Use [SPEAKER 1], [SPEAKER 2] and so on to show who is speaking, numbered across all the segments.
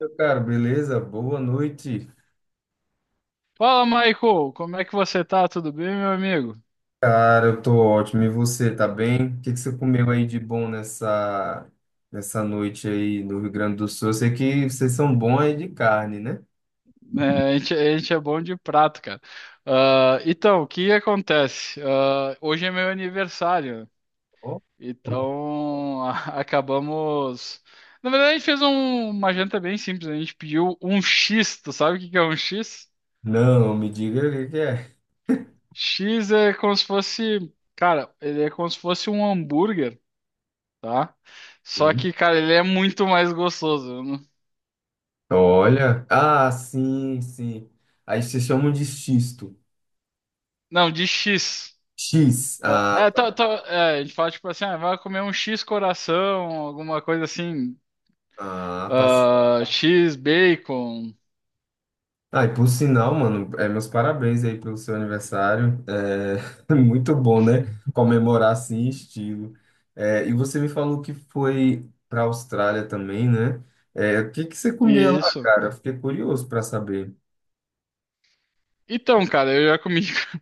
[SPEAKER 1] Meu caro, beleza? Boa noite.
[SPEAKER 2] Fala, Michael, como é que você tá? Tudo bem, meu amigo?
[SPEAKER 1] Cara, eu tô ótimo. E você, tá bem? O que que você comeu aí de bom nessa noite aí no Rio Grande do Sul? Eu sei que vocês são bons aí de carne, né?
[SPEAKER 2] É, a gente é bom de prato, cara. Ah, então, o que acontece? Ah, hoje é meu aniversário,
[SPEAKER 1] Ó.
[SPEAKER 2] então acabamos. Na verdade, a gente fez uma janta bem simples, a gente pediu um X, tu sabe o que que é um X?
[SPEAKER 1] Não, me diga o que que é.
[SPEAKER 2] X é como se fosse, cara, ele é como se fosse um hambúrguer, tá? Só
[SPEAKER 1] Ui.
[SPEAKER 2] que, cara, ele é muito mais gostoso, né?
[SPEAKER 1] Olha. Ah, sim, sim. Aí vocês chamam de xisto.
[SPEAKER 2] Não, de X.
[SPEAKER 1] X.
[SPEAKER 2] Ah,
[SPEAKER 1] Ah,
[SPEAKER 2] é,
[SPEAKER 1] tá.
[SPEAKER 2] tá, tá, é, a gente fala tipo assim, ah, vai comer um X coração, alguma coisa assim,
[SPEAKER 1] Ah, tá.
[SPEAKER 2] ah, X bacon,
[SPEAKER 1] Ah, e por sinal, mano, meus parabéns aí pelo seu aniversário. É muito bom, né? Comemorar assim em estilo. É, e você me falou que foi para a Austrália também, né? É, o que que você
[SPEAKER 2] e
[SPEAKER 1] comia lá,
[SPEAKER 2] isso.
[SPEAKER 1] cara? Eu fiquei curioso para saber.
[SPEAKER 2] Então, cara, eu já comi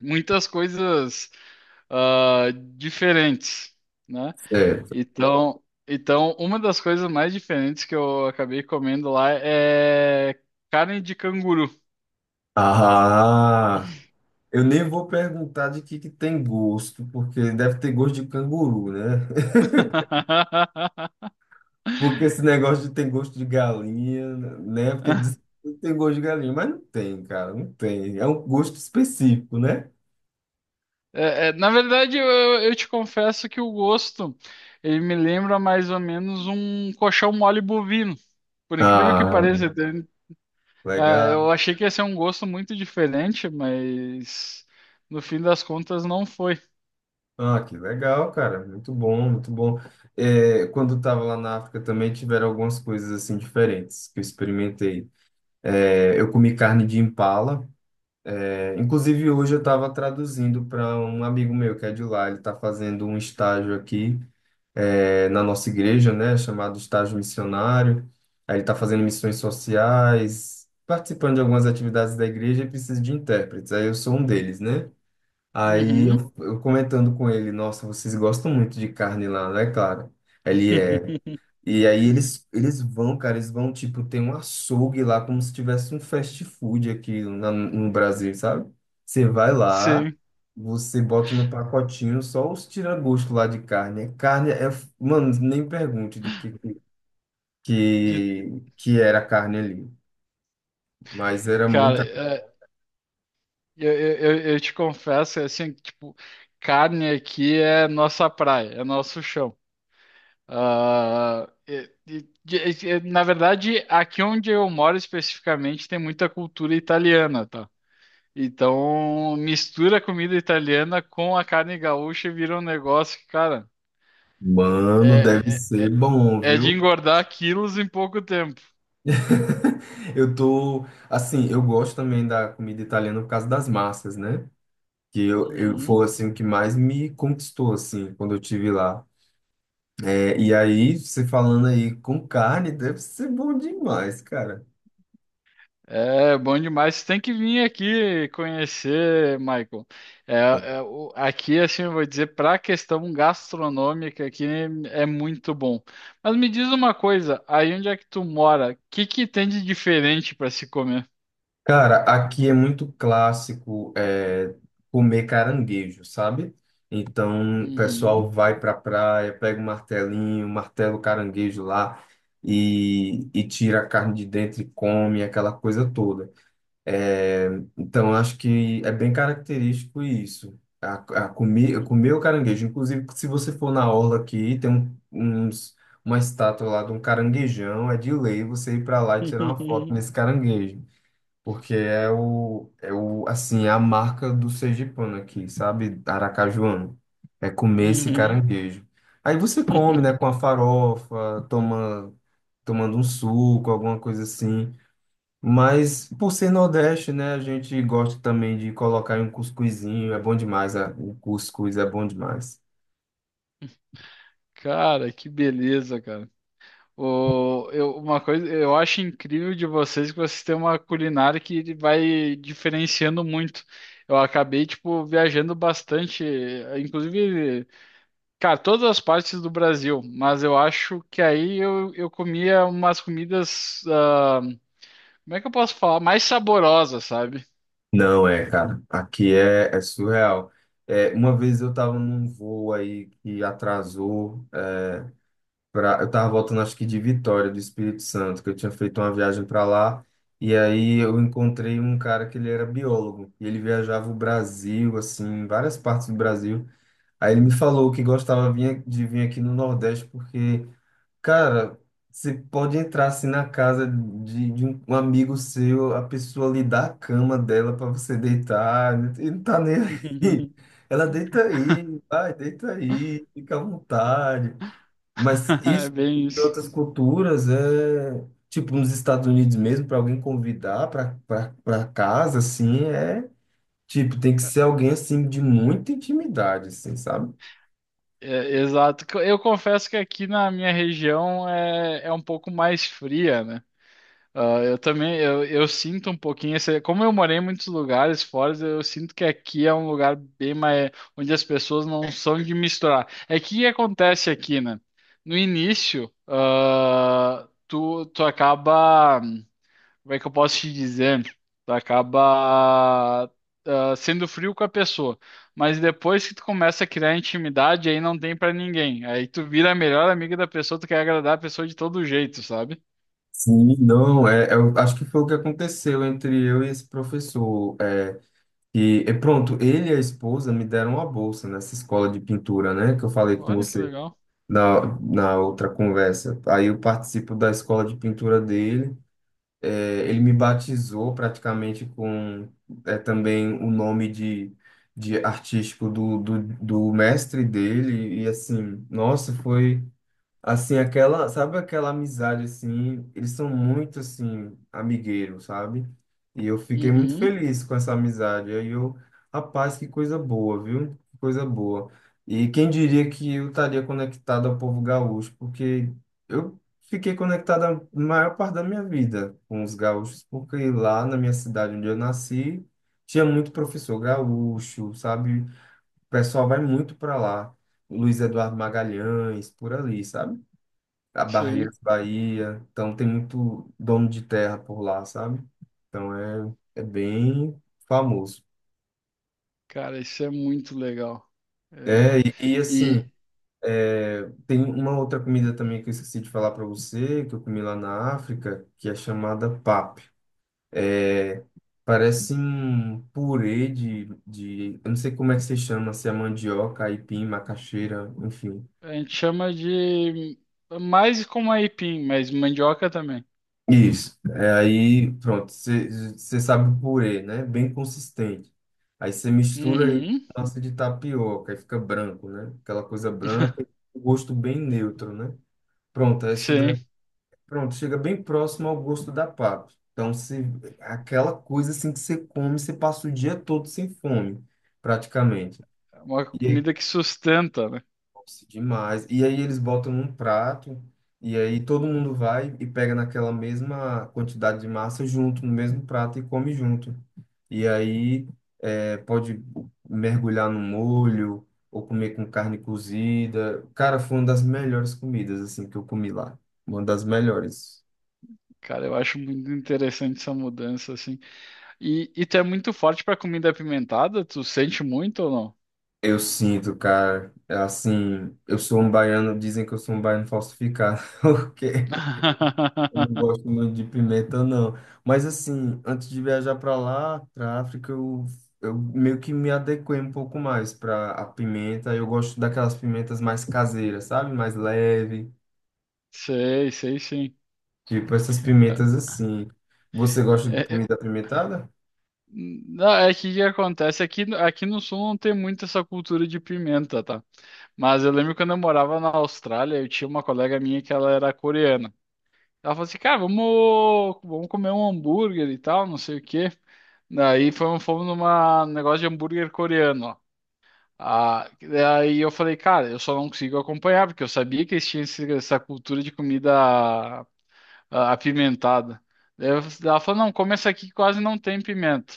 [SPEAKER 2] muitas coisas, ah, diferentes, né?
[SPEAKER 1] Certo.
[SPEAKER 2] Então, uma das coisas mais diferentes que eu acabei comendo lá é carne de canguru.
[SPEAKER 1] Ah, eu nem vou perguntar de que tem gosto, porque deve ter gosto de canguru, né? Porque esse negócio de tem gosto de galinha, né? Porque diz que tem gosto de galinha, mas não tem, cara, não tem. É um gosto específico, né?
[SPEAKER 2] É, é, na verdade, eu te confesso que o gosto, ele me lembra mais ou menos um colchão mole bovino. Por incrível que
[SPEAKER 1] Ah,
[SPEAKER 2] pareça, entende? Ah,
[SPEAKER 1] legal.
[SPEAKER 2] eu achei que ia ser um gosto muito diferente, mas no fim das contas não foi.
[SPEAKER 1] Ah, que legal, cara. Muito bom, muito bom. É, quando eu tava lá na África também tiveram algumas coisas assim diferentes que eu experimentei. É, eu comi carne de impala. É, inclusive hoje eu estava traduzindo para um amigo meu que é de lá. Ele está fazendo um estágio aqui. Na nossa igreja, né, chamado estágio missionário. Aí ele está fazendo missões sociais, participando de algumas atividades da igreja e precisa de intérpretes. Aí eu sou um deles, né? Aí
[SPEAKER 2] Uhum.
[SPEAKER 1] eu, eu comentando com ele, nossa, vocês gostam muito de carne lá, né, cara? Ele é. E aí eles vão, cara, eles vão, tipo, ter um açougue lá, como se tivesse um fast food aqui na- no Brasil, sabe? Você vai lá,
[SPEAKER 2] Sim,
[SPEAKER 1] você bota no pacotinho só os tira-gosto lá de carne. É. Carne é, mano, nem pergunte do
[SPEAKER 2] de
[SPEAKER 1] que, que era a carne ali. Mas era
[SPEAKER 2] cara,
[SPEAKER 1] muita.
[SPEAKER 2] é, eu te confesso, é assim, que, tipo, carne aqui é nossa praia, é nosso chão. Ah, na verdade, aqui onde eu moro especificamente tem muita cultura italiana, tá? Então, mistura a comida italiana com a carne gaúcha e vira um negócio que, cara,
[SPEAKER 1] Mano, deve
[SPEAKER 2] é, é,
[SPEAKER 1] ser
[SPEAKER 2] é
[SPEAKER 1] bom,
[SPEAKER 2] é de
[SPEAKER 1] viu?
[SPEAKER 2] engordar quilos em pouco tempo.
[SPEAKER 1] Eu tô, assim, eu gosto também da comida italiana por causa das massas, né? Que eu foi
[SPEAKER 2] Uhum.
[SPEAKER 1] assim o que mais me conquistou assim quando eu tive lá. É, e aí você falando aí com carne deve ser bom demais, cara.
[SPEAKER 2] É bom demais. Você tem que vir aqui conhecer, Michael. É, é, aqui, assim, eu vou dizer, para a questão gastronômica, aqui é muito bom. Mas me diz uma coisa, aí onde é que tu mora? O que que tem de diferente para se comer?
[SPEAKER 1] Cara, aqui é muito clássico é, comer caranguejo, sabe? Então, o
[SPEAKER 2] Uhum.
[SPEAKER 1] pessoal vai pra praia, pega um martelinho, martela o caranguejo lá e tira a carne de dentro e come, aquela coisa toda. É, então, acho que é bem característico isso. A comer, comer o caranguejo. Inclusive, se você for na orla aqui, uns, uma estátua lá de um caranguejão. É de lei você ir para lá e tirar uma foto nesse caranguejo. Porque assim, é a marca do sergipano aqui, sabe? Aracajuano. É comer esse
[SPEAKER 2] Uhum.
[SPEAKER 1] caranguejo. Aí você come, né, com a farofa, tomando um suco, alguma coisa assim. Mas por ser Nordeste, né, a gente gosta também de colocar em um cuscuzinho, é bom demais, a- o cuscuz é bom demais.
[SPEAKER 2] Cara, que beleza, cara. O, eu, uma coisa, eu acho incrível de vocês que vocês têm uma culinária que vai diferenciando muito. Eu acabei, tipo, viajando bastante, inclusive, cara, todas as partes do Brasil, mas eu acho que aí eu comia umas comidas, ah, como é que eu posso falar? Mais saborosas, sabe?
[SPEAKER 1] Não é, cara, aqui é, é surreal. É, uma vez eu tava num voo aí que atrasou, eu tava voltando acho que de Vitória, do Espírito Santo, que eu tinha feito uma viagem para lá, e aí eu encontrei um cara que ele era biólogo, e ele viajava o Brasil, assim, várias partes do Brasil. Aí ele me falou que de vir aqui no Nordeste porque cara, você pode entrar assim na casa de um amigo seu, a pessoa lhe dá a cama dela para você deitar, e não tá nem aí. Ela deita aí, vai, deita aí, fica à vontade. Mas
[SPEAKER 2] É
[SPEAKER 1] isso
[SPEAKER 2] bem
[SPEAKER 1] em
[SPEAKER 2] isso.
[SPEAKER 1] outras culturas é, tipo nos Estados Unidos mesmo, para alguém convidar para casa, assim, é, tipo, tem que ser alguém assim de muita intimidade, assim, sabe?
[SPEAKER 2] É, exato. Eu confesso que aqui na minha região é, é um pouco mais fria, né? Ah, eu também, eu sinto um pouquinho esse, como eu morei em muitos lugares fora, eu sinto que aqui é um lugar bem mais, onde as pessoas não são de misturar. É que o que acontece aqui, né? No início, ah, tu acaba, como é que eu posso te dizer? Tu acaba, ah, sendo frio com a pessoa, mas depois que tu começa a criar intimidade, aí não tem pra ninguém. Aí tu vira a melhor amiga da pessoa, tu quer agradar a pessoa de todo jeito, sabe?
[SPEAKER 1] Sim, não, é, eu acho que foi o que aconteceu entre eu e esse professor. É, e pronto, ele e a esposa me deram uma bolsa nessa escola de pintura, né? Que eu falei com
[SPEAKER 2] Olha que
[SPEAKER 1] você
[SPEAKER 2] legal.
[SPEAKER 1] na outra conversa. Aí eu participo da escola de pintura dele. É, ele me batizou praticamente com é, também o nome de artístico do mestre dele. E assim, nossa, foi. Assim, aquela, sabe aquela amizade assim, eles são muito assim amigueiros, sabe? E eu fiquei muito
[SPEAKER 2] Uhum.
[SPEAKER 1] feliz com essa amizade. Aí eu, rapaz, que coisa boa, viu? Que coisa boa. E quem diria que eu estaria conectado ao povo gaúcho, porque eu fiquei conectado a maior parte da minha vida com os gaúchos, porque lá na minha cidade onde eu nasci, tinha muito professor gaúcho, sabe? O pessoal vai muito para lá. Luiz Eduardo Magalhães, por ali, sabe? A
[SPEAKER 2] Sim,
[SPEAKER 1] Barreiras, Bahia. Então tem muito dono de terra por lá, sabe? Então é, é bem famoso.
[SPEAKER 2] cara, isso é muito legal. É,
[SPEAKER 1] É,
[SPEAKER 2] e
[SPEAKER 1] assim, é, tem uma outra comida também que eu esqueci de falar para você, que eu comi lá na África, que é chamada pap. É, parece um purê de eu não sei como é que se chama, se é mandioca, aipim, macaxeira, enfim.
[SPEAKER 2] a gente chama de mais como aipim, mas mandioca também.
[SPEAKER 1] Isso. É, aí, pronto, você sabe o purê, né? Bem consistente. Aí você mistura aí
[SPEAKER 2] Uhum.
[SPEAKER 1] com massa de tapioca, aí fica branco, né? Aquela coisa branca, o gosto bem neutro, né? Pronto, essa
[SPEAKER 2] Sim,
[SPEAKER 1] daí, pronto, chega bem próximo ao gosto da papa. Então, se aquela coisa assim que você come, você passa o dia todo sem fome, praticamente.
[SPEAKER 2] é uma comida que sustenta, né?
[SPEAKER 1] Nossa, demais. E aí eles botam num prato, e aí todo mundo vai e pega naquela mesma quantidade de massa junto, no mesmo prato e come junto. E aí é, pode mergulhar no molho, ou comer com carne cozida. Cara, foi uma das melhores comidas, assim, que eu comi lá. Uma das melhores.
[SPEAKER 2] Cara, eu acho muito interessante essa mudança, assim. E tu é muito forte pra comida apimentada? Tu sente muito ou não?
[SPEAKER 1] Eu sinto, cara, é assim, eu sou um baiano, dizem que eu sou um baiano falsificado, porque eu não gosto muito de pimenta, não. Mas assim, antes de viajar para lá, para África, eu meio que me adequei um pouco mais para a pimenta. Eu gosto daquelas pimentas mais caseiras, sabe? Mais leve,
[SPEAKER 2] Sei, sei sim.
[SPEAKER 1] tipo essas
[SPEAKER 2] É,
[SPEAKER 1] pimentas assim. Você gosta de
[SPEAKER 2] é, é,
[SPEAKER 1] comida apimentada?
[SPEAKER 2] não, é que o que acontece aqui, aqui no sul não tem muito essa cultura de pimenta, tá? Mas eu lembro quando eu morava na Austrália, eu tinha uma colega minha que ela era coreana. Ela falou assim, cara, vamos comer um hambúrguer e tal, não sei o quê. Daí fomos numa um negócio de hambúrguer coreano, ó. Ah, daí eu falei, cara, eu só não consigo acompanhar, porque eu sabia que eles tinham essa cultura de comida, ah, apimentada. Daí eu- ela falou, não, come essa aqui que quase não tem pimenta.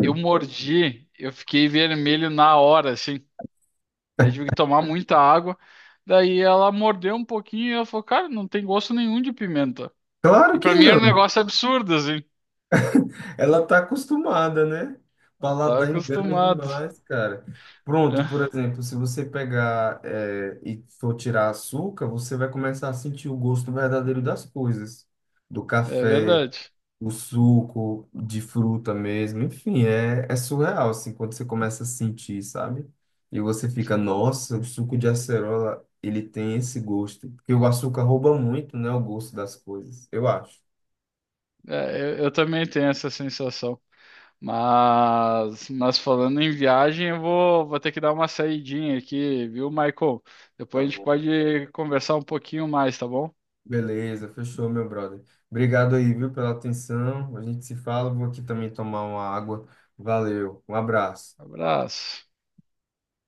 [SPEAKER 2] Eu mordi, eu fiquei vermelho na hora, assim. Daí tive que tomar muita água. Daí ela mordeu um pouquinho e ela falou, cara, não tem gosto nenhum de pimenta.
[SPEAKER 1] claro
[SPEAKER 2] E
[SPEAKER 1] que
[SPEAKER 2] pra mim era um
[SPEAKER 1] não.
[SPEAKER 2] negócio absurdo, assim.
[SPEAKER 1] Ela tá acostumada, né?
[SPEAKER 2] Eu tava
[SPEAKER 1] Paladar engana
[SPEAKER 2] acostumado.
[SPEAKER 1] demais, cara. Pronto, por exemplo, se você pegar e for tirar açúcar, você vai começar a sentir o gosto verdadeiro das coisas, do
[SPEAKER 2] É
[SPEAKER 1] café,
[SPEAKER 2] verdade.
[SPEAKER 1] o suco, de fruta mesmo, enfim, é, é surreal, assim, quando você começa a sentir, sabe? E você fica, nossa, o suco de acerola, ele tem esse gosto, porque o açúcar rouba muito, né, o gosto das coisas, eu acho.
[SPEAKER 2] É, eu também tenho essa sensação. Mas falando em viagem, vou ter que dar uma saidinha aqui, viu, Michael?
[SPEAKER 1] Tá
[SPEAKER 2] Depois a gente
[SPEAKER 1] bom.
[SPEAKER 2] pode conversar um pouquinho mais, tá bom?
[SPEAKER 1] Beleza, fechou, meu brother. Obrigado aí, viu, pela atenção. A gente se fala. Vou aqui também tomar uma água. Valeu, um abraço.
[SPEAKER 2] Abraço.